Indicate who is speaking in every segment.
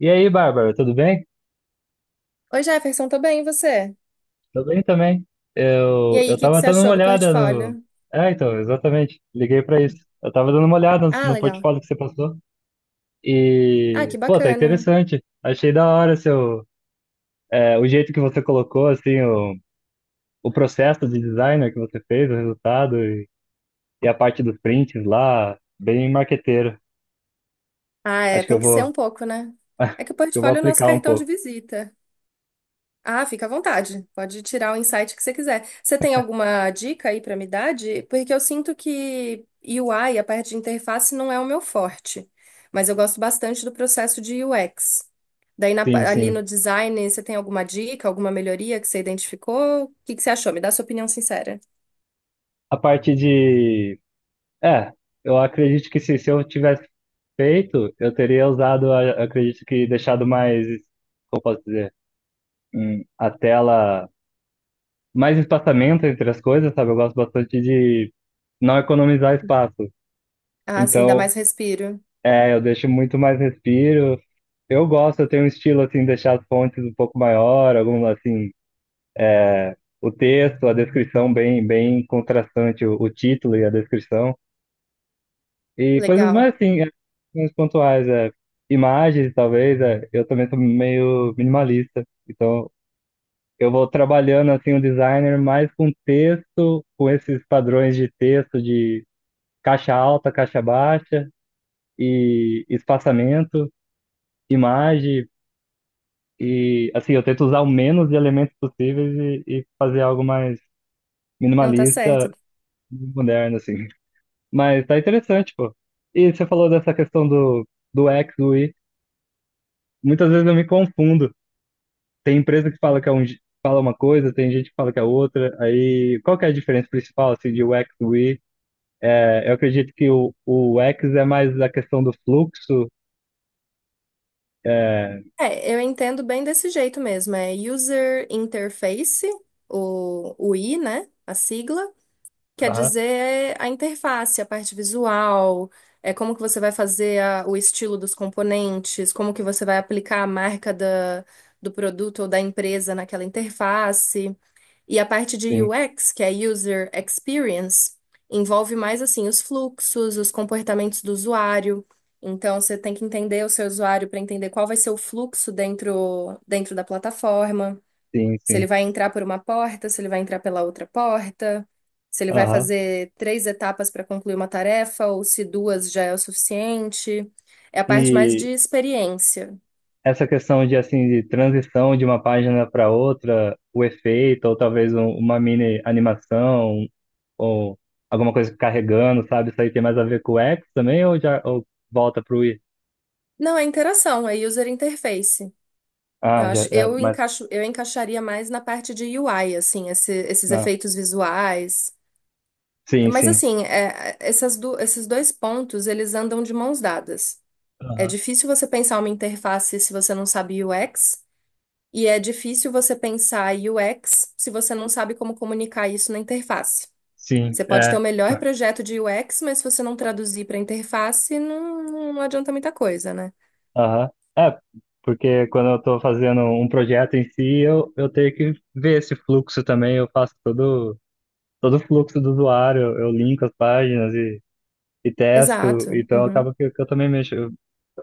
Speaker 1: E aí, Bárbara, tudo bem?
Speaker 2: Oi, Jefferson, tô bem, e você?
Speaker 1: Tudo bem também.
Speaker 2: E
Speaker 1: Eu,
Speaker 2: aí,
Speaker 1: eu
Speaker 2: o que que
Speaker 1: tava
Speaker 2: você
Speaker 1: dando uma
Speaker 2: achou do
Speaker 1: olhada no.
Speaker 2: portfólio?
Speaker 1: É, então, exatamente. Liguei pra isso. Eu tava dando uma olhada no,
Speaker 2: Ah,
Speaker 1: no
Speaker 2: legal.
Speaker 1: portfólio que você passou.
Speaker 2: Ah, que
Speaker 1: E, pô, tá
Speaker 2: bacana.
Speaker 1: interessante. Achei da hora seu, é, o jeito que você colocou, assim, o processo de designer que você fez, o resultado e a parte dos prints lá, bem marqueteiro.
Speaker 2: Ah, é,
Speaker 1: Acho que
Speaker 2: tem
Speaker 1: eu
Speaker 2: que ser um
Speaker 1: vou,
Speaker 2: pouco, né? É que o
Speaker 1: eu vou
Speaker 2: portfólio é o nosso
Speaker 1: aplicar um
Speaker 2: cartão de
Speaker 1: pouco.
Speaker 2: visita. Ah, fica à vontade. Pode tirar o insight que você quiser. Você tem alguma dica aí pra me dar? Porque eu sinto que UI, a parte de interface, não é o meu forte. Mas eu gosto bastante do processo de UX. Daí
Speaker 1: Sim,
Speaker 2: ali
Speaker 1: sim.
Speaker 2: no design, você tem alguma dica, alguma melhoria que você identificou? O que que você achou? Me dá sua opinião sincera.
Speaker 1: A parte de. É, eu acredito que se eu tivesse feito, eu teria usado, acredito que deixado mais, como posso dizer, a tela, mais espaçamento entre as coisas, sabe? Eu gosto bastante de não economizar espaço.
Speaker 2: Ah, sim, dá
Speaker 1: Então,
Speaker 2: mais respiro.
Speaker 1: é, eu deixo muito mais respiro. Eu gosto, eu tenho um estilo assim, deixar as fontes um pouco maior, algum assim, o texto, a descrição bem, bem contrastante, o título e a descrição. E coisas
Speaker 2: Legal.
Speaker 1: mais assim, é, uns pontuais, é, imagens, talvez, é, eu também sou meio minimalista. Então, eu vou trabalhando assim o designer mais com texto, com esses padrões de texto de caixa alta, caixa baixa e espaçamento, imagem e assim eu tento usar o menos de elementos possíveis e fazer algo mais
Speaker 2: Não, tá certo.
Speaker 1: minimalista, moderno assim. Mas tá interessante, pô. E você falou dessa questão do X, do Y. Muitas vezes eu me confundo. Tem empresa que fala que é um, fala uma coisa, tem gente que fala que é outra. Aí qual que é a diferença principal assim de U X UX, UI. É, eu acredito que o X é mais a questão do fluxo. É,
Speaker 2: É, eu entendo bem desse jeito mesmo. É User Interface, o I, né? A sigla. Quer
Speaker 1: aham,
Speaker 2: dizer é a interface, a parte visual, é como que você vai fazer o estilo dos componentes, como que você vai aplicar a marca da, do produto ou da empresa naquela interface. E a parte de
Speaker 1: sim,
Speaker 2: UX, que é User Experience, envolve mais assim os fluxos, os comportamentos do usuário. Então você tem que entender o seu usuário para entender qual vai ser o fluxo dentro da plataforma.
Speaker 1: sim,
Speaker 2: Se ele
Speaker 1: sim.
Speaker 2: vai entrar por uma porta, se ele vai entrar pela outra porta, se ele vai
Speaker 1: Aham.
Speaker 2: fazer três etapas para concluir uma tarefa ou se duas já é o suficiente. É a parte mais
Speaker 1: E
Speaker 2: de experiência.
Speaker 1: essa questão de assim de transição de uma página para outra, o efeito, ou talvez uma mini animação, ou alguma coisa carregando, sabe? Isso aí tem mais a ver com o X também, ou já ou volta para o I.
Speaker 2: Não, é interação, é user interface. Eu
Speaker 1: Ah, já,
Speaker 2: acho,
Speaker 1: é,
Speaker 2: eu
Speaker 1: mas.
Speaker 2: encaixo, eu encaixaria mais na parte de UI, assim, esses
Speaker 1: Ah,
Speaker 2: efeitos visuais.
Speaker 1: sim,
Speaker 2: Mas
Speaker 1: sim.
Speaker 2: assim, é, essas esses dois pontos, eles andam de mãos dadas. É
Speaker 1: Aham.
Speaker 2: difícil você pensar uma interface se você não sabe UX, e é difícil você pensar UX se você não sabe como comunicar isso na interface.
Speaker 1: Sim,
Speaker 2: Você pode ter
Speaker 1: é.
Speaker 2: o melhor projeto de UX, mas se você não traduzir para interface, não, não adianta muita coisa, né?
Speaker 1: Aham. É, porque quando eu estou fazendo um projeto em si, eu tenho que ver esse fluxo também. Eu faço todo, todo o fluxo do usuário, eu linko as páginas e testo.
Speaker 2: Exato.
Speaker 1: Então,
Speaker 2: Uhum.
Speaker 1: acaba que eu também mexo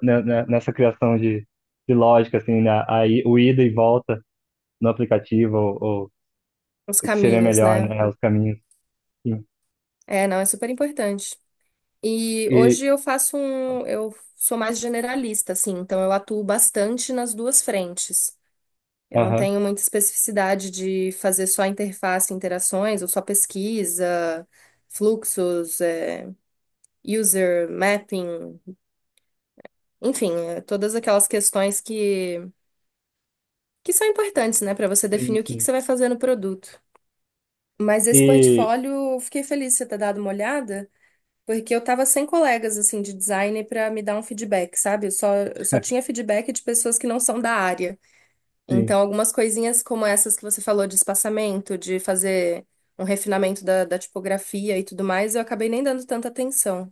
Speaker 1: né, nessa criação de lógica, assim, né? Aí, o ida e volta no aplicativo, ou
Speaker 2: Os
Speaker 1: o que seria
Speaker 2: caminhos,
Speaker 1: melhor,
Speaker 2: né?
Speaker 1: né? Os caminhos. Sim.
Speaker 2: É, não, é super importante. E
Speaker 1: E,
Speaker 2: hoje eu sou mais generalista, assim, então eu atuo bastante nas duas frentes. Eu não
Speaker 1: aham,
Speaker 2: tenho muita especificidade de fazer só interface, interações, ou só pesquisa, fluxos, é, user mapping, enfim, é, todas aquelas questões que são importantes, né, para você
Speaker 1: sim,
Speaker 2: definir o que que
Speaker 1: sim.
Speaker 2: você vai fazer no produto. Mas esse
Speaker 1: E,
Speaker 2: portfólio, eu fiquei feliz de você ter dado uma olhada. Porque eu tava sem colegas, assim, de designer pra me dar um feedback, sabe? Eu só tinha feedback de pessoas que não são da área.
Speaker 1: sim.
Speaker 2: Então, algumas coisinhas como essas que você falou de espaçamento, de fazer um refinamento da, da tipografia e tudo mais, eu acabei nem dando tanta atenção.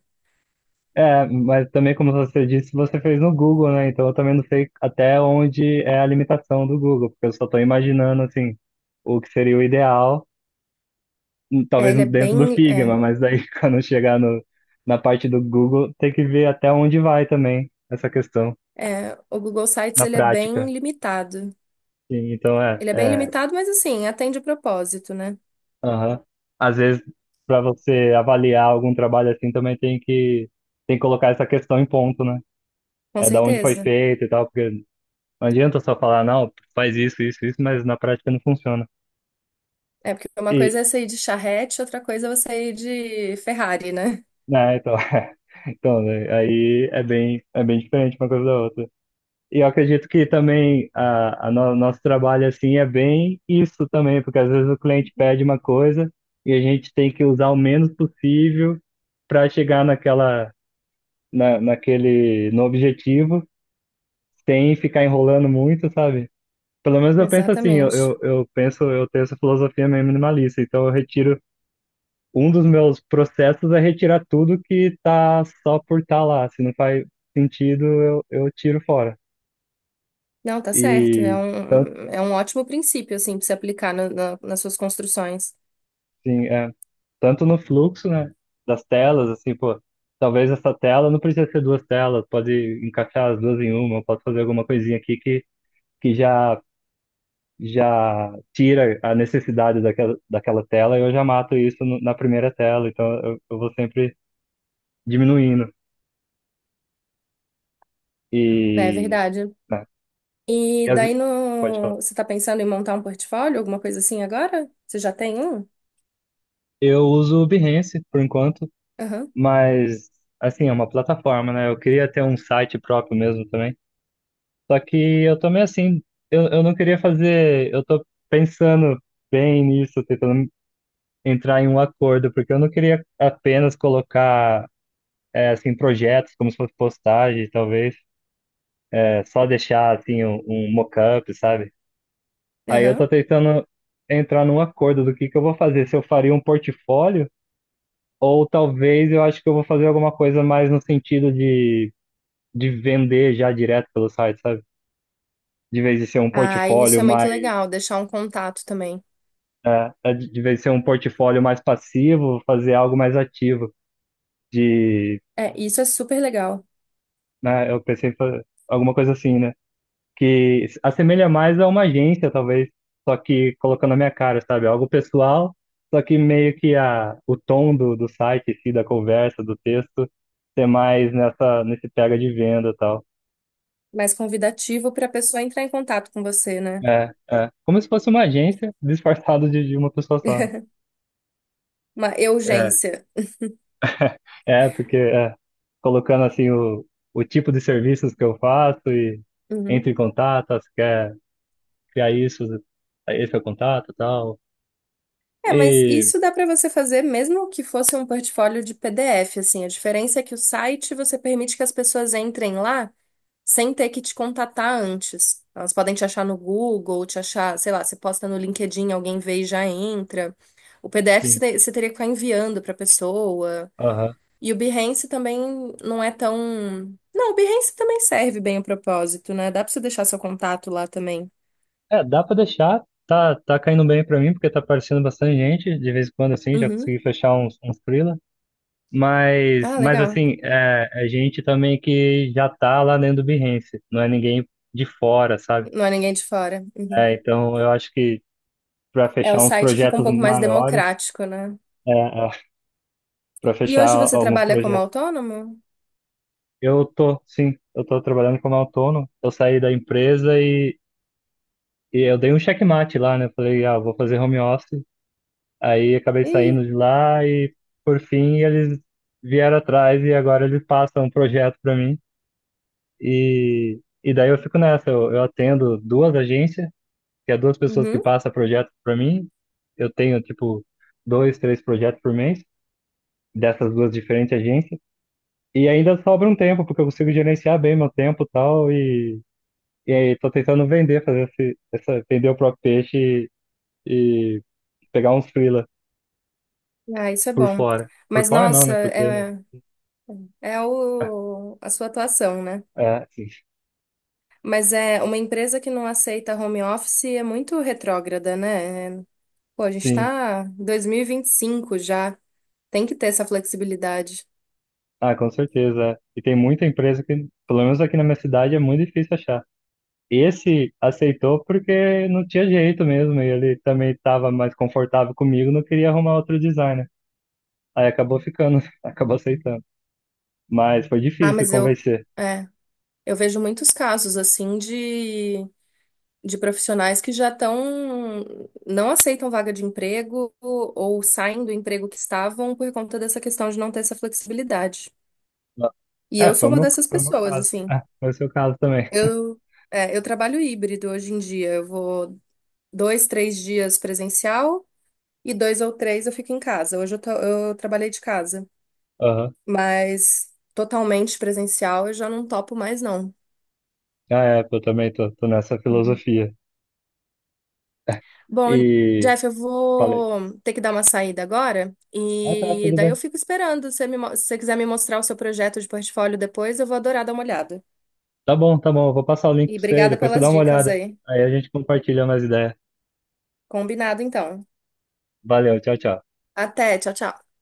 Speaker 1: É, mas também, como você disse, você fez no Google, né? Então eu também não sei até onde é a limitação do Google, porque eu só estou imaginando, assim, o que seria o ideal,
Speaker 2: É,
Speaker 1: talvez
Speaker 2: ele é
Speaker 1: dentro do
Speaker 2: bem... É,
Speaker 1: Figma, mas daí quando chegar no, na parte do Google, tem que ver até onde vai também essa questão
Speaker 2: é, o Google Sites,
Speaker 1: na
Speaker 2: ele é
Speaker 1: prática.
Speaker 2: bem limitado.
Speaker 1: Sim, então é,
Speaker 2: Ele é bem
Speaker 1: é,
Speaker 2: limitado, mas, assim, atende o propósito, né?
Speaker 1: aham. Às vezes, para você avaliar algum trabalho assim, também tem que colocar essa questão em ponto, né?
Speaker 2: Com
Speaker 1: É da onde foi
Speaker 2: certeza.
Speaker 1: feito e tal, porque não adianta só falar, não, faz isso, isso, isso, mas na prática não funciona.
Speaker 2: É, porque uma
Speaker 1: E,
Speaker 2: coisa é sair de charrete, outra coisa é você ir de Ferrari, né?
Speaker 1: né, então, então, né, aí é bem diferente uma coisa da outra. E eu acredito que também a, nosso trabalho, assim, é bem isso também, porque às vezes o cliente pede uma coisa e a gente tem que usar o menos possível para chegar naquela, na, naquele, no objetivo, sem ficar enrolando muito, sabe? Pelo menos eu penso assim, eu,
Speaker 2: Exatamente.
Speaker 1: eu penso, eu tenho essa filosofia meio minimalista, então eu retiro um dos meus processos é retirar tudo que tá só por estar tá lá. Se não faz sentido, eu tiro fora.
Speaker 2: Não, tá certo.
Speaker 1: E,
Speaker 2: É um ótimo princípio, assim, pra se aplicar nas suas construções.
Speaker 1: sim, é, tanto no fluxo, né, das telas, assim, pô, talvez essa tela não precisa ser duas telas, pode encaixar as duas em uma. Pode fazer alguma coisinha aqui que já, já tira a necessidade daquela, daquela tela e eu já mato isso na primeira tela. Então, eu vou sempre diminuindo.
Speaker 2: É
Speaker 1: E,
Speaker 2: verdade.
Speaker 1: né, e
Speaker 2: E
Speaker 1: as,
Speaker 2: daí
Speaker 1: pode falar.
Speaker 2: no... você tá pensando em montar um portfólio, alguma coisa assim agora? Você já tem um?
Speaker 1: Eu uso o Behance por enquanto,
Speaker 2: Aham,
Speaker 1: mas assim, é uma plataforma, né? Eu queria ter um site próprio mesmo também. Só que eu tô meio assim, eu não queria fazer, eu tô pensando bem nisso, tentando entrar em um acordo, porque eu não queria apenas colocar é, assim projetos como se fosse postagem, talvez, é, só deixar assim um, um mock-up, sabe? Aí eu tô
Speaker 2: aham.
Speaker 1: tentando entrar num acordo do que eu vou fazer, se eu faria um portfólio, ou talvez eu acho que eu vou fazer alguma coisa mais no sentido de vender já direto pelo site, sabe? De vez de ser um
Speaker 2: Ah, isso
Speaker 1: portfólio
Speaker 2: é muito
Speaker 1: mais,
Speaker 2: legal, deixar um contato também.
Speaker 1: né, é, de vez de ser um portfólio mais passivo, fazer algo mais ativo. De,
Speaker 2: É, isso é super legal.
Speaker 1: né, eu pensei em alguma coisa assim, né? Que se assemelha mais a uma agência, talvez, só que colocando a minha cara, sabe? Algo pessoal, só que meio que a, o tom do, do site, em si, da conversa, do texto, ser mais nessa, nesse pega de venda e tal.
Speaker 2: Mais convidativo para a pessoa entrar em contato com você, né?
Speaker 1: É, é. Como se fosse uma agência disfarçada de uma pessoa só.
Speaker 2: Uma
Speaker 1: É,
Speaker 2: urgência.
Speaker 1: é, porque é, colocando assim o tipo de serviços que eu faço e entre em
Speaker 2: Uhum.
Speaker 1: contato, se quer criar isso, esse é o contato e tal.
Speaker 2: É, mas
Speaker 1: E,
Speaker 2: isso dá para você fazer mesmo que fosse um portfólio de PDF, assim. A diferença é que o site você permite que as pessoas entrem lá sem ter que te contatar antes. Elas podem te achar no Google, te achar, sei lá, você posta no LinkedIn, alguém vê e já entra. O PDF
Speaker 1: sim,
Speaker 2: você teria que ficar enviando para pessoa.
Speaker 1: aham.
Speaker 2: E o Behance também não é tão. Não, o Behance também serve bem o propósito, né? Dá para você deixar seu contato lá também.
Speaker 1: É, dá pra deixar, tá, tá caindo bem pra mim, porque tá aparecendo bastante gente, de vez em quando assim, já
Speaker 2: Uhum.
Speaker 1: consegui fechar uns, uns freela.
Speaker 2: Ah,
Speaker 1: Mas
Speaker 2: legal.
Speaker 1: assim, é, é gente também que já tá lá dentro do Behance, não é ninguém de fora, sabe?
Speaker 2: Não é ninguém de fora. Uhum.
Speaker 1: É, então eu acho que para
Speaker 2: É, o
Speaker 1: fechar uns
Speaker 2: site fica um
Speaker 1: projetos
Speaker 2: pouco mais
Speaker 1: maiores,
Speaker 2: democrático, né?
Speaker 1: é, é, para
Speaker 2: E
Speaker 1: fechar
Speaker 2: hoje você
Speaker 1: alguns
Speaker 2: trabalha como
Speaker 1: projetos,
Speaker 2: autônomo?
Speaker 1: eu tô, sim, eu tô trabalhando como autônomo. Eu saí da empresa e eu dei um checkmate lá, né? Eu falei, ah, vou fazer home office. Aí acabei
Speaker 2: Ih,
Speaker 1: saindo de lá e por fim eles vieram atrás e agora eles passam um projeto para mim e e daí eu fico nessa. Eu atendo duas agências, que é duas pessoas que
Speaker 2: uhum.
Speaker 1: passam projeto para mim. Eu tenho tipo dois, três projetos por mês, dessas duas diferentes agências. E ainda sobra um tempo, porque eu consigo gerenciar bem meu tempo e tal, e aí tô tentando vender, fazer esse, essa, vender o próprio peixe e pegar uns freela
Speaker 2: Ah, isso é
Speaker 1: por
Speaker 2: bom.
Speaker 1: fora. Por
Speaker 2: Mas,
Speaker 1: fora não,
Speaker 2: nossa,
Speaker 1: né? Porque não,
Speaker 2: é, é o, a sua atuação, né?
Speaker 1: é, sim.
Speaker 2: Mas é uma empresa que não aceita home office é muito retrógrada, né? É, pô, a gente
Speaker 1: Sim.
Speaker 2: tá em 2025 já. Tem que ter essa flexibilidade.
Speaker 1: Ah, com certeza, é. E tem muita empresa que, pelo menos aqui na minha cidade, é muito difícil achar. Esse aceitou porque não tinha jeito mesmo, e ele também estava mais confortável comigo, não queria arrumar outro designer. Aí acabou ficando, acabou aceitando. Mas foi
Speaker 2: Ah,
Speaker 1: difícil
Speaker 2: mas eu,
Speaker 1: convencer.
Speaker 2: é, eu vejo muitos casos assim de profissionais que já estão, não aceitam vaga de emprego ou saem do emprego que estavam por conta dessa questão de não ter essa flexibilidade.
Speaker 1: Ah,
Speaker 2: E eu
Speaker 1: é,
Speaker 2: sou uma dessas
Speaker 1: foi o meu
Speaker 2: pessoas,
Speaker 1: caso.
Speaker 2: assim.
Speaker 1: É, foi o seu caso também.
Speaker 2: Eu, é, eu trabalho híbrido hoje em dia. Eu vou dois, três dias presencial e dois ou três eu fico em casa. Hoje eu, eu trabalhei de casa,
Speaker 1: Aham.
Speaker 2: mas totalmente presencial eu já não topo mais, não.
Speaker 1: Ah, é, eu também tô, tô nessa filosofia. É,
Speaker 2: Bom,
Speaker 1: e
Speaker 2: Jeff, eu
Speaker 1: falei,
Speaker 2: vou ter que dar uma saída agora
Speaker 1: ah, tá,
Speaker 2: e
Speaker 1: tudo
Speaker 2: daí eu
Speaker 1: bem.
Speaker 2: fico esperando. Se você se você quiser me mostrar o seu projeto de portfólio depois, eu vou adorar dar uma olhada.
Speaker 1: Tá bom, eu vou passar o link
Speaker 2: E
Speaker 1: pra você aí,
Speaker 2: obrigada
Speaker 1: depois você dá
Speaker 2: pelas
Speaker 1: uma
Speaker 2: dicas
Speaker 1: olhada.
Speaker 2: aí.
Speaker 1: Aí a gente compartilha mais ideias.
Speaker 2: Combinado, então.
Speaker 1: Valeu, tchau, tchau.
Speaker 2: Até, tchau, tchau.